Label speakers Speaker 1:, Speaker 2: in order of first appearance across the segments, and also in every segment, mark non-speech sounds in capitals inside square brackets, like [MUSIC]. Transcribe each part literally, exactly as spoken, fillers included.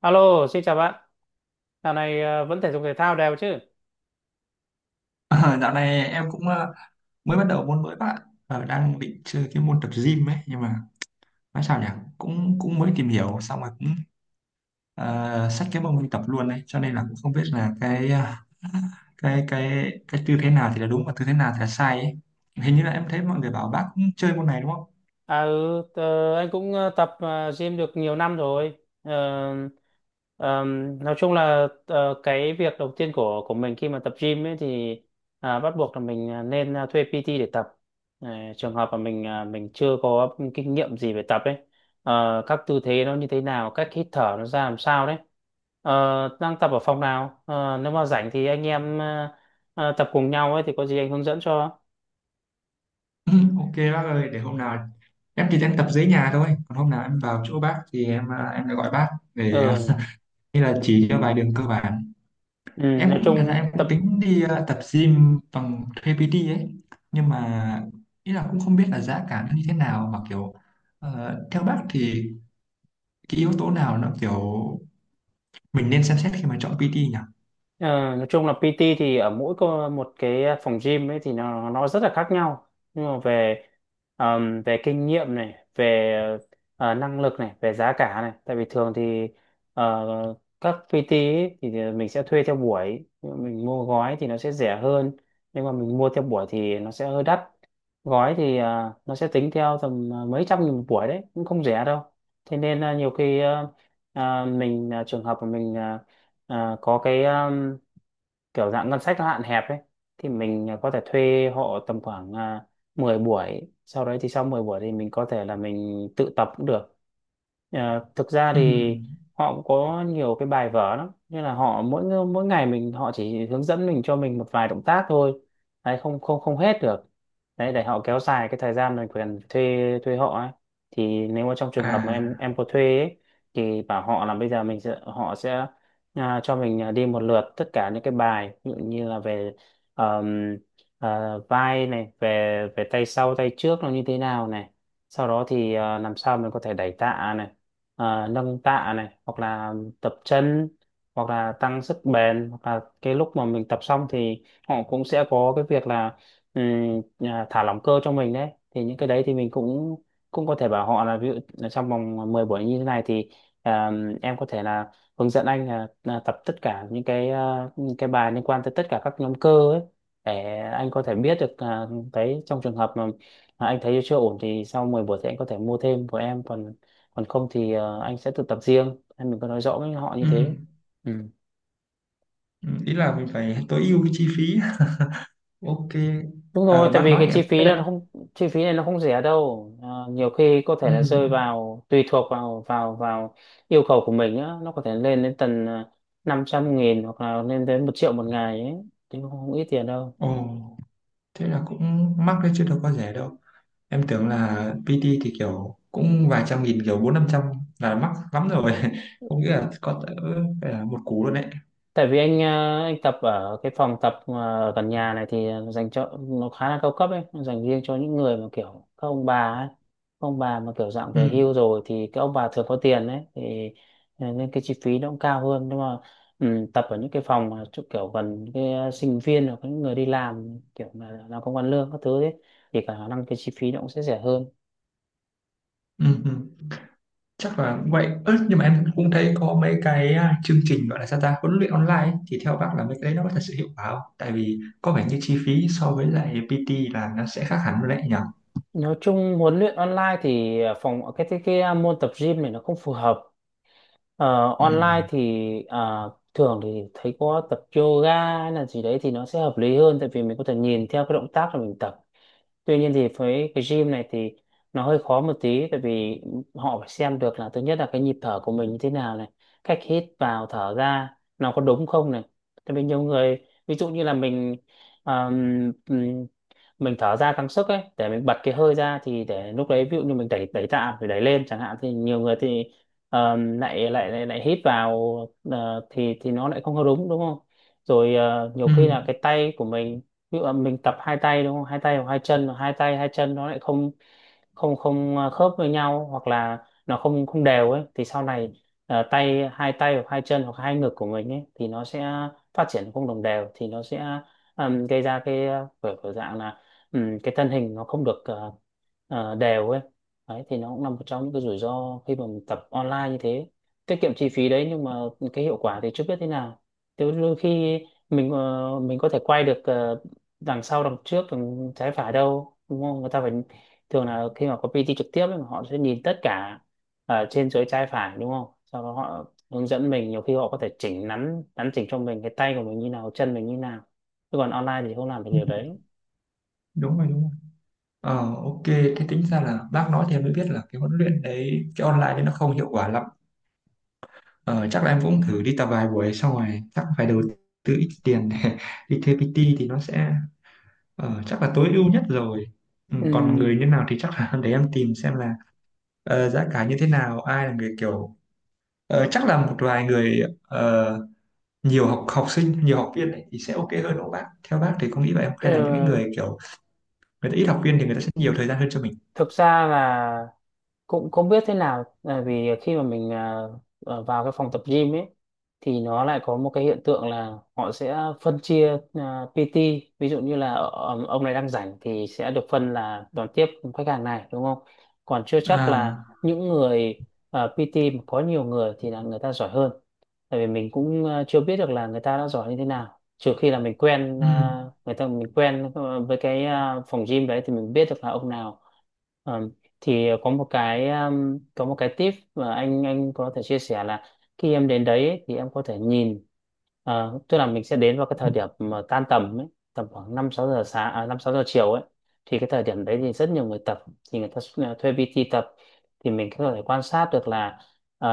Speaker 1: Alo, xin chào bạn. Dạo này ờ, vẫn thể dục thể thao đều chứ?
Speaker 2: Ờ, Dạo này em cũng ờ, mới bắt đầu môn mới bạn. Ờ, đang định chơi cái môn tập gym ấy nhưng mà nói sao nhỉ, cũng cũng mới tìm hiểu xong rồi cũng uh, xách cái mông đi tập luôn đấy, cho nên là cũng không biết là cái ờ, cái cái cái tư thế nào thì là đúng và tư thế nào thì là sai ấy. Hình như là em thấy mọi người bảo bác cũng chơi môn này đúng không?
Speaker 1: À ừ, tờ- anh cũng ờ, tập ờ, gym được nhiều năm rồi. Ờ, ờm, nói chung là ờ, cái việc đầu tiên của của mình khi mà tập gym ấy thì à, bắt buộc là mình à, nên à, thuê pê tê để tập. Ờ, Trường hợp mà mình à, mình chưa có kinh nghiệm gì về tập ấy, Ờ, các tư thế nó như thế nào, cách hít thở nó ra làm sao đấy. Ờ, Đang tập ở phòng nào? Ờ, Nếu mà rảnh thì anh em ờ, ờ, tập cùng nhau ấy thì có gì anh hướng dẫn cho.
Speaker 2: [LAUGHS] Ok bác ơi, để hôm nào em chỉ đang tập dưới nhà thôi, còn hôm nào em vào chỗ bác thì em ờ, em sẽ gọi bác để ờ,
Speaker 1: Ừ,
Speaker 2: như là chỉ cho vài đường cơ bản.
Speaker 1: ừ
Speaker 2: Em
Speaker 1: nói
Speaker 2: cũng, thật ra
Speaker 1: chung
Speaker 2: em
Speaker 1: tập
Speaker 2: cũng tính đi ờ, tập gym bằng thuê pi ti ấy, nhưng mà ý là cũng không biết là giá cả nó như thế nào, mà kiểu ờ, theo bác thì cái yếu tố nào nó kiểu mình nên xem xét khi mà chọn pê tê nhỉ?
Speaker 1: Ờ, nói chung là pê tê thì ở mỗi cô- một cái phòng gym ấy thì nó nó rất là khác nhau, nhưng mà về ờm, về kinh nghiệm này, về ờ, năng lực này, về giá cả này. Tại vì thường thì ờ, các pê tê ấy thì mình sẽ thuê theo buổi, mình mua gói thì nó sẽ rẻ hơn, nhưng mà mình mua theo buổi thì nó sẽ hơi đắt. Gói thì ờ, nó sẽ tính theo tầm ờ, mấy trăm nghìn một buổi đấy, cũng không rẻ đâu. Thế nên là nhiều khi ờ, ờ, mình ờ, trường hợp mà mình ờ, ờ, có cái kiểu dạng ngân sách nó hạn hẹp ấy, thì mình à, có thể thuê họ tầm khoảng à, mười buổi, sau đấy thì sau mười buổi thì mình có thể là mình tự tập cũng được. Ờ, thực ra
Speaker 2: Ừ.
Speaker 1: thì họ cũng có nhiều cái bài vở lắm, như là họ mỗi ng- mỗi ngày mình, họ chỉ hướng dẫn mình cho mình một vài động tác thôi đấy, không không không hết được đấy, để họ kéo dài cái thời gian mình quyền thuê thuê họ ấy. Thì nếu mà trong trường hợp mà
Speaker 2: À,
Speaker 1: em em có thuê ấy, thì bảo họ là bây giờ mình sẽ họ sẽ à, cho mình à, đi một lượt tất cả những cái bài, ví dụ như là về ờm, ờ, vai này, về về tay sau tay trước nó như thế nào này, sau đó thì à, làm sao mình có thể đẩy tạ này, à, nâng tạ này, hoặc là tập chân, hoặc là tăng sức bền, hoặc là cái lúc mà mình tập xong thì họ cũng sẽ có cái việc là ừm, à, thả lỏng cơ cho mình đấy. Thì những cái đấy thì mình cũng cũng có thể bảo họ là ví dụ là trong vòng mười buổi như thế này thì à, em có thể là hướng dẫn anh là, là tập tất cả những cái à, những cái bài liên quan tới tất cả các nhóm cơ ấy, để anh có thể biết được à, đấy. Trong trường hợp mà, mà anh thấy chưa ổn thì sau mười buổi thì anh có thể mua thêm của em, còn còn không thì à, anh sẽ tự tập riêng. Em mình có nói rõ với họ
Speaker 2: ừ.
Speaker 1: như thế. Ừ.
Speaker 2: Ừ, ý là mình phải tối ưu cái chi phí. [LAUGHS] Ok.
Speaker 1: Đúng rồi,
Speaker 2: Ờ,
Speaker 1: tại
Speaker 2: bác
Speaker 1: vì
Speaker 2: nói
Speaker 1: cái
Speaker 2: thì em
Speaker 1: chi
Speaker 2: biết
Speaker 1: phí
Speaker 2: đấy.
Speaker 1: nó không, chi phí này nó không rẻ đâu. À, nhiều khi có
Speaker 2: Ừ.
Speaker 1: thể là rơi vào, tùy thuộc vào vào vào yêu cầu của mình á, nó có thể lên đến tầm năm trăm nghìn hoặc là lên đến một triệu một ngày ấy, thì không, không ít tiền đâu.
Speaker 2: Ồ, thế là cũng mắc đấy chứ đâu có rẻ đâu. Em tưởng là pê tê thì kiểu cũng vài trăm nghìn, kiểu bốn năm trăm là mắc lắm rồi, [LAUGHS] không nghĩ là có cỡ phải là một cú luôn đấy.
Speaker 1: Tại vì anh à, anh tập ở cái phòng tập à, gần nhà này thì dành cho nó khá là cao cấp ấy, dành riêng cho những người mà kiểu các ông bà ấy. Các ông bà mà kiểu dạng
Speaker 2: Ừ,
Speaker 1: về hưu rồi thì các ông bà thường có tiền đấy thì ờ, nên cái chi phí nó cũng cao hơn, nhưng mà ừ, tập ở những cái phòng mà chỗ kiểu gần cái ờ, sinh viên hoặc những người đi làm kiểu là làm công ăn lương các thứ đấy thì cả khả năng cái chi phí nó cũng sẽ rẻ hơn.
Speaker 2: ừ, ừ, chắc là cũng vậy. Ơ, nhưng mà em cũng thấy có mấy cái à, chương trình gọi là sao ta huấn luyện online ấy, thì theo bác là mấy cái đấy nó có thật sự hiệu quả không? Tại vì có vẻ như chi phí so với lại pi ti là nó sẽ khác hẳn luôn đấy nhỉ.
Speaker 1: Nói chung huấn luyện online thì ờ, phòng cái cái, cái ờ, môn tập gym này nó không phù hợp. Ờ,
Speaker 2: Ừ.
Speaker 1: online thì ờ, thường thì thấy có tập yoga hay là gì đấy thì nó sẽ hợp lý hơn, tại vì mình có thể nhìn theo cái động tác là mình tập. Tuy nhiên thì với cái gym này thì nó hơi khó một tí, tại vì họ phải xem được là thứ nhất là cái nhịp thở của mình như thế nào này, cách hít vào thở ra nó có đúng không này. Tại vì nhiều người, ví dụ như là mình mình thở ra căng sức ấy để mình bật cái hơi ra thì để lúc đấy, ví dụ như mình đẩy đẩy tạ phải đẩy lên chẳng hạn, thì nhiều người thì ờ, lại, lại lại lại hít vào, ờ, thì thì nó lại không có đúng, đúng không. Rồi ờ, nhiều
Speaker 2: Ừ.
Speaker 1: khi là cái tay của mình, ví dụ là mình tập hai tay đúng không, hai tay hoặc hai chân mà hai tay hai chân nó lại không không không ờ, khớp với nhau, hoặc là nó không không đều ấy, thì sau này ờ, tay hai tay hoặc hai chân hoặc hai ngực của mình ấy thì nó sẽ phát triển không đồng đều. Thì nó sẽ ừm, gây ra cái ờ, kiểu kiểu dạng là ừm, cái thân hình nó không được ờ, ờ, đều ấy. Đấy thì nó cũng là một trong những cái rủi ro khi mà mình tập online như thế, tiết kiệm chi phí đấy nhưng mà cái hiệu quả thì chưa biết thế nào. Thế đôi khi mình ờ, mình có thể quay được ờ, đằng sau, đằng trước, đằng trái phải đâu, đúng không, người ta phải thường là khi mà có pê tê trực tiếp ấy, họ sẽ nhìn tất cả ở trên dưới trái phải, đúng không, sau đó họ hướng dẫn mình, nhiều khi họ có thể chỉnh nắn, nắn chỉnh cho mình cái tay của mình như nào, chân mình như nào. Chứ còn online thì không làm được
Speaker 2: Ừ,
Speaker 1: điều đấy.
Speaker 2: đúng rồi, đúng rồi. Ờ ok, thế tính ra là bác nói thì em mới biết là cái huấn luyện đấy, cái online đấy nó không hiệu quả lắm. Ờ, chắc là em cũng thử đi tập vài buổi xong rồi chắc phải đầu tư ít tiền để [LAUGHS] đi thuê pi ti, thì nó sẽ ờ, chắc là tối ưu nhất rồi. Ừ, còn người
Speaker 1: Ừm,
Speaker 2: như nào thì chắc là [LAUGHS] để em tìm xem là ờ, giá cả như thế nào, ai là người kiểu ờ, chắc là một vài người, ờ, nhiều học học sinh, nhiều học viên ấy, thì sẽ ok hơn đúng không bác? Theo bác thì có nghĩ vậy không, hay là những cái
Speaker 1: ờ,
Speaker 2: người kiểu người ta ít học viên thì người ta sẽ nhiều thời gian hơn cho mình?
Speaker 1: Thực ra là cũng không biết thế nào, bởi vì khi mà mình à, ở vào cái phòng tập gym ấy thì nó lại có một cái hiện tượng là họ sẽ phân chia à, pê tê, ví dụ như là ờ, ông này đang rảnh thì sẽ được phân là đón tiếp khách hàng này đúng không, còn chưa chắc
Speaker 2: À,
Speaker 1: là những người à, pê tê mà có nhiều người thì là người ta giỏi hơn. Tại vì mình cũng à, chưa biết được là người ta đã giỏi như thế nào, trừ khi là mình quen
Speaker 2: ừ,
Speaker 1: à, người ta, mình quen ờ, với cái à, phòng gym đấy thì mình biết được là ông nào ờ, thì có một cái um, có một cái tip mà anh anh có thể chia sẻ là khi em đến đấy ấy, thì em có thể nhìn ờ, tức là mình sẽ đến vào cái
Speaker 2: ừ,
Speaker 1: thời điểm mà tan tầm ấy, tầm khoảng năm sáu giờ sáng à, năm sáu giờ chiều ấy, thì cái thời điểm đấy thì rất nhiều người tập, thì người ta s- à, thuê pi ti tập, thì mình có thể quan sát được là ờ,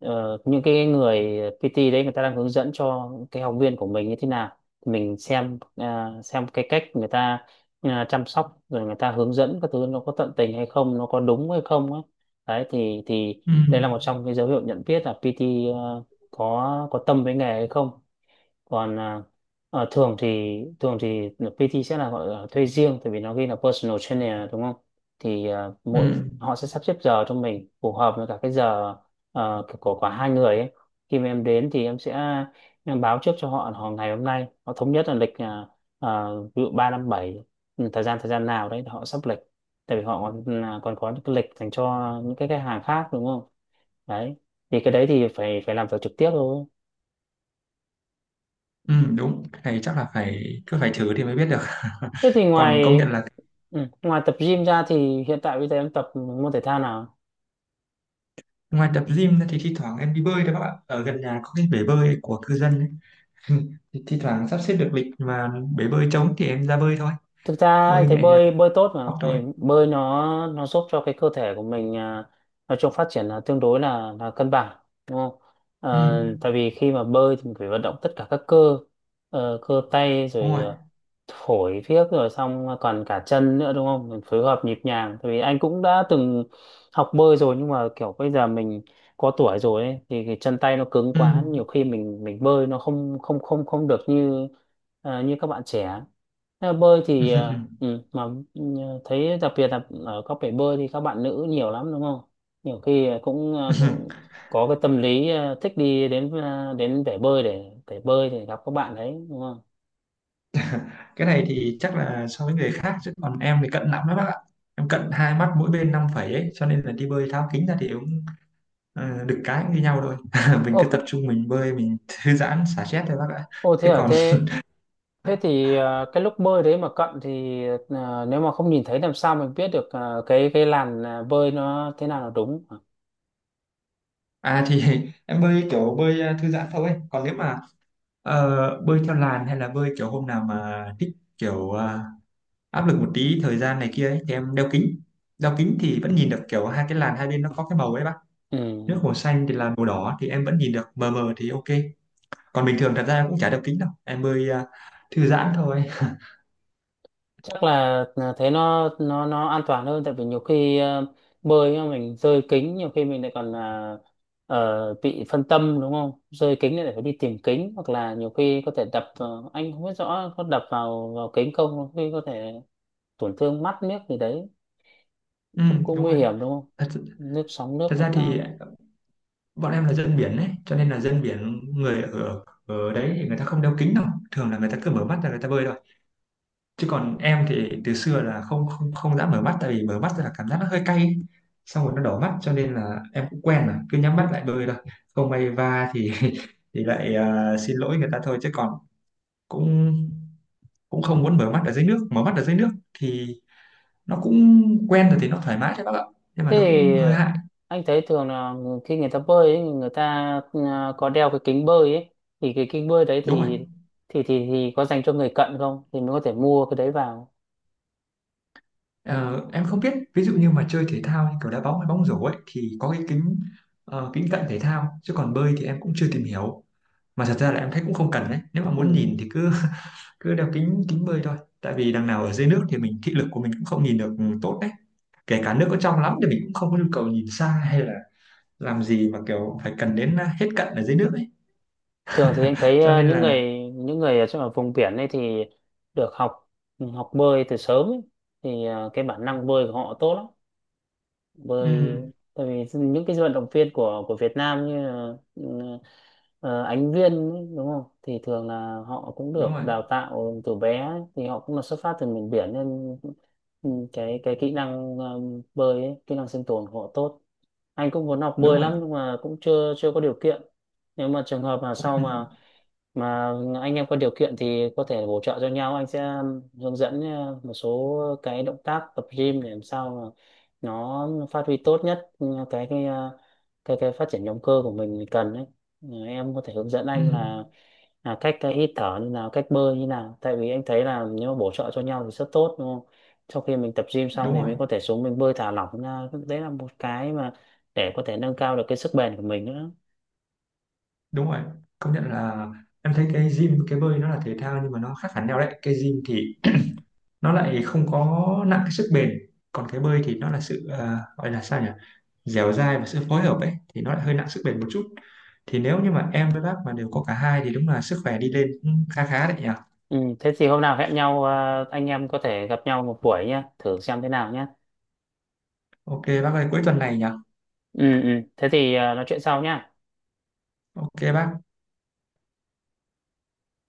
Speaker 1: ờ, những cái người pi ti đấy người ta đang hướng dẫn cho cái học viên của mình như thế nào, thì mình xem ờ, xem cái cách người ta à, chăm sóc, rồi người ta hướng dẫn các thứ nó có tận tình hay không, nó có đúng hay không ấy. Đấy thì thì đây
Speaker 2: ừ.
Speaker 1: là một trong cái dấu hiệu nhận biết là pê tê ờ, có có tâm với nghề hay không. Còn à, ờ, thường thì thường thì pê tê sẽ là gọi là thuê riêng, tại vì nó ghi là personal trainer đúng không. Thì à,
Speaker 2: Ừ,
Speaker 1: mỗi họ sẽ sắp xếp giờ cho mình phù hợp với cả cái giờ ờ, của cả hai người ấy. Khi mà em đến thì em sẽ em báo trước cho họ, là họ ngày hôm nay họ thống nhất là lịch à, à, ví dụ ba năm bảy, ừ, thời gian thời gian nào đấy họ sắp lịch, tại vì họ còn, à, còn có những cái lịch dành cho những cái khách hàng khác đúng không. Đấy thì cái đấy thì phải phải làm việc trực tiếp thôi.
Speaker 2: ừ, đúng, cái này chắc là phải cứ phải thử thì mới biết được. [LAUGHS]
Speaker 1: Thế thì ngoài
Speaker 2: Còn công nhận là
Speaker 1: Ừ, ngoài tập gym ra thì hiện tại bây giờ em tập môn thể thao nào?
Speaker 2: ngoài tập gym ra thì thi thoảng em đi bơi đấy bác ạ, ở gần nhà có cái bể bơi của cư dân ấy. [LAUGHS] Thì thi thoảng sắp xếp được lịch mà bể bơi trống thì em ra bơi thôi.
Speaker 1: Thực ra anh
Speaker 2: Bơi
Speaker 1: thấy
Speaker 2: nhẹ nhàng
Speaker 1: bơi bơi tốt mà.
Speaker 2: học thôi.
Speaker 1: Tại bơi nó nó giúp cho cái cơ thể của mình, à, nói chung phát triển là tương đối là là cân bằng, đúng không?
Speaker 2: Ừ,
Speaker 1: Ờ, tại vì khi mà bơi thì mình phải vận động tất cả các cơ, ờ, cơ tay
Speaker 2: đúng
Speaker 1: rồi,
Speaker 2: rồi.
Speaker 1: ờ, phổi phiếc rồi, xong còn cả chân nữa, đúng không? Mình phối hợp nhịp nhàng, tại vì anh cũng đã từng học bơi rồi, nhưng mà kiểu bây giờ mình có tuổi rồi ấy, thì cái chân tay nó cứng
Speaker 2: Ừ.
Speaker 1: quá, nhiều khi mình mình bơi nó không không không không được như ờ, như các bạn trẻ theo bơi thì ờ,
Speaker 2: [LAUGHS]
Speaker 1: ừ, mà ừ, thấy đặc biệt là ở các bể bơi thì các bạn nữ nhiều lắm, đúng không? Nhiều khi cũng, ờ, cũng có cái tâm lý ờ, thích đi đến, ờ, đến bể bơi để để bơi thì gặp các bạn đấy, đúng không?
Speaker 2: Cái này thì chắc là so với người khác, chứ còn em thì cận lắm đó bác ạ. Em cận hai mắt mỗi bên năm phẩy ấy, cho nên là đi bơi tháo kính ra thì cũng ờ, được cái cũng như nhau thôi. [LAUGHS] Mình
Speaker 1: Ô,
Speaker 2: cứ
Speaker 1: c-
Speaker 2: tập trung mình bơi mình [LAUGHS] thư giãn xả stress thôi bác ạ.
Speaker 1: ô thế
Speaker 2: Chứ
Speaker 1: à?
Speaker 2: còn
Speaker 1: Thế thế thì
Speaker 2: [LAUGHS]
Speaker 1: ờ, cái lúc bơi đấy mà cận thì, ờ, nếu mà không nhìn thấy làm sao mình biết được ờ, cái cái làn ờ, bơi nó thế nào là đúng? Hả?
Speaker 2: à thì [LAUGHS] em bơi kiểu bơi à, thư giãn thôi. Còn nếu mà ờ, bơi theo làn hay là bơi kiểu hôm nào mà thích kiểu à, áp lực một tí, thời gian này kia ấy, thì em đeo kính. Đeo kính thì vẫn nhìn được kiểu hai cái làn hai bên nó có cái màu ấy bác. Nước
Speaker 1: Ừ.
Speaker 2: hồ xanh thì là màu đỏ thì em vẫn nhìn được mờ mờ thì ok. Còn bình thường thật ra em cũng chả đeo kính đâu. Em bơi à, thư giãn thôi. [LAUGHS]
Speaker 1: Chắc là là thế nó nó nó an toàn hơn, tại vì nhiều khi ờ, bơi mà mình rơi kính, nhiều khi mình lại còn là ờ, bị phân tâm, đúng không? Rơi kính lại phải đi tìm kính, hoặc là nhiều khi có thể đập, ờ, anh không biết rõ có đập vào vào kính không, nhiều khi có thể tổn thương mắt, nước gì đấy
Speaker 2: Ừ,
Speaker 1: cũng cũng
Speaker 2: đúng
Speaker 1: nguy
Speaker 2: rồi.
Speaker 1: hiểm, đúng không?
Speaker 2: Thật,
Speaker 1: Nước sóng, nước
Speaker 2: thật
Speaker 1: nó
Speaker 2: ra thì
Speaker 1: cao.
Speaker 2: bọn em là dân biển ấy, cho nên là dân biển người ở ở đấy thì người ta không đeo kính đâu. Thường là người ta cứ mở mắt ra người ta bơi thôi, chứ còn em thì từ xưa là không không không dám mở mắt, tại vì mở mắt là cảm giác nó hơi cay ấy. Xong rồi nó đỏ mắt, cho nên là em cũng quen rồi cứ nhắm mắt lại bơi thôi. Không may va thì [LAUGHS] thì lại à, xin lỗi người ta thôi, chứ còn cũng cũng không muốn mở mắt ở dưới nước. Mở mắt ở dưới nước thì nó cũng quen rồi thì nó thoải mái cho bác ạ, nhưng mà
Speaker 1: Thế
Speaker 2: nó cũng
Speaker 1: thì
Speaker 2: hơi hại.
Speaker 1: anh thấy thường là người- khi người ta bơi ấy, người ta, à, có đeo cái kính bơi ấy, thì cái kính bơi đấy
Speaker 2: Đúng rồi.
Speaker 1: thì thì thì thì có dành cho người cận không thì mới có thể mua cái đấy vào.
Speaker 2: Ờ, em không biết, ví dụ như mà chơi thể thao như kiểu đá bóng hay bóng rổ ấy thì có cái kính ờ, kính cận thể thao, chứ còn bơi thì em cũng chưa tìm hiểu. Mà thật ra là em thấy cũng không cần đấy, nếu mà muốn
Speaker 1: Ừ.
Speaker 2: nhìn thì cứ [LAUGHS] cứ đeo kính kính bơi thôi, tại vì đằng nào ở dưới nước thì mình thị lực của mình cũng không nhìn được tốt đấy. Kể cả nước có trong lắm thì mình cũng không có nhu cầu nhìn xa, hay là làm gì mà kiểu phải cần đến à, hết cận ở dưới nước ấy.
Speaker 1: Thường thì anh thấy
Speaker 2: Cho
Speaker 1: à,
Speaker 2: nên
Speaker 1: những
Speaker 2: là
Speaker 1: người, những người ở trong ở vùng biển ấy thì được học, học bơi từ sớm ấy. Thì à, cái bản năng bơi của họ tốt lắm. Bởi
Speaker 2: ừ,
Speaker 1: tại vì những cái vận động viên của của Việt Nam như là, ừ, ờ, Ánh Viên ấy, đúng không? Thì thường là họ cũng
Speaker 2: đúng
Speaker 1: được
Speaker 2: rồi,
Speaker 1: đào tạo từ bé ấy, thì họ cũng là xuất phát từ miền biển nên ừ, cái cái kỹ năng ờ, bơi ấy, kỹ năng sinh tồn của họ tốt. Anh cũng muốn học
Speaker 2: đúng
Speaker 1: bơi
Speaker 2: rồi.
Speaker 1: lắm, nhưng mà cũng chưa chưa có điều kiện. Nếu mà trường hợp mà sau mà
Speaker 2: Ừ,
Speaker 1: mà anh em có điều kiện thì có thể bổ trợ cho nhau, anh sẽ ừ, hướng dẫn ờ, một số cái động tác tập gym để làm sao nó phát huy tốt nhất ừ, cái cái à, cái cái phát triển động cơ của mình mình cần đấy. Ừ, em có thể hướng dẫn
Speaker 2: ừ,
Speaker 1: anh là là cách cái hít thở như nào, cách bơi như nào, tại vì anh thấy là nếu mà bổ trợ cho nhau thì rất tốt, đúng không? Sau khi mình tập gym xong
Speaker 2: đúng
Speaker 1: thì
Speaker 2: rồi,
Speaker 1: mình có thể xuống mình bơi thả lỏng ra, đấy là một cái mà để có thể nâng cao được cái sức bền của mình nữa.
Speaker 2: đúng rồi, công nhận là em thấy cái gym cái bơi nó là thể thao nhưng mà nó khác hẳn nhau đấy. Cái gym thì nó lại không có nặng cái sức bền, còn cái bơi thì nó là sự ờ, gọi là sao nhỉ, dẻo dai và sự phối hợp ấy, thì nó lại hơi nặng sức bền một chút. Thì nếu như mà em với bác mà đều có cả hai thì đúng là sức khỏe đi lên cũng khá khá đấy nhỉ.
Speaker 1: Ừ, thế thì hôm nào hẹn nhau, à, anh em có thể gặp nhau một buổi nhá, thử xem thế nào nhá.
Speaker 2: Ok bác ơi, cuối tuần này nhỉ.
Speaker 1: Ừ, ừ. Thế thì à, nói chuyện sau nhá.
Speaker 2: Ok bác.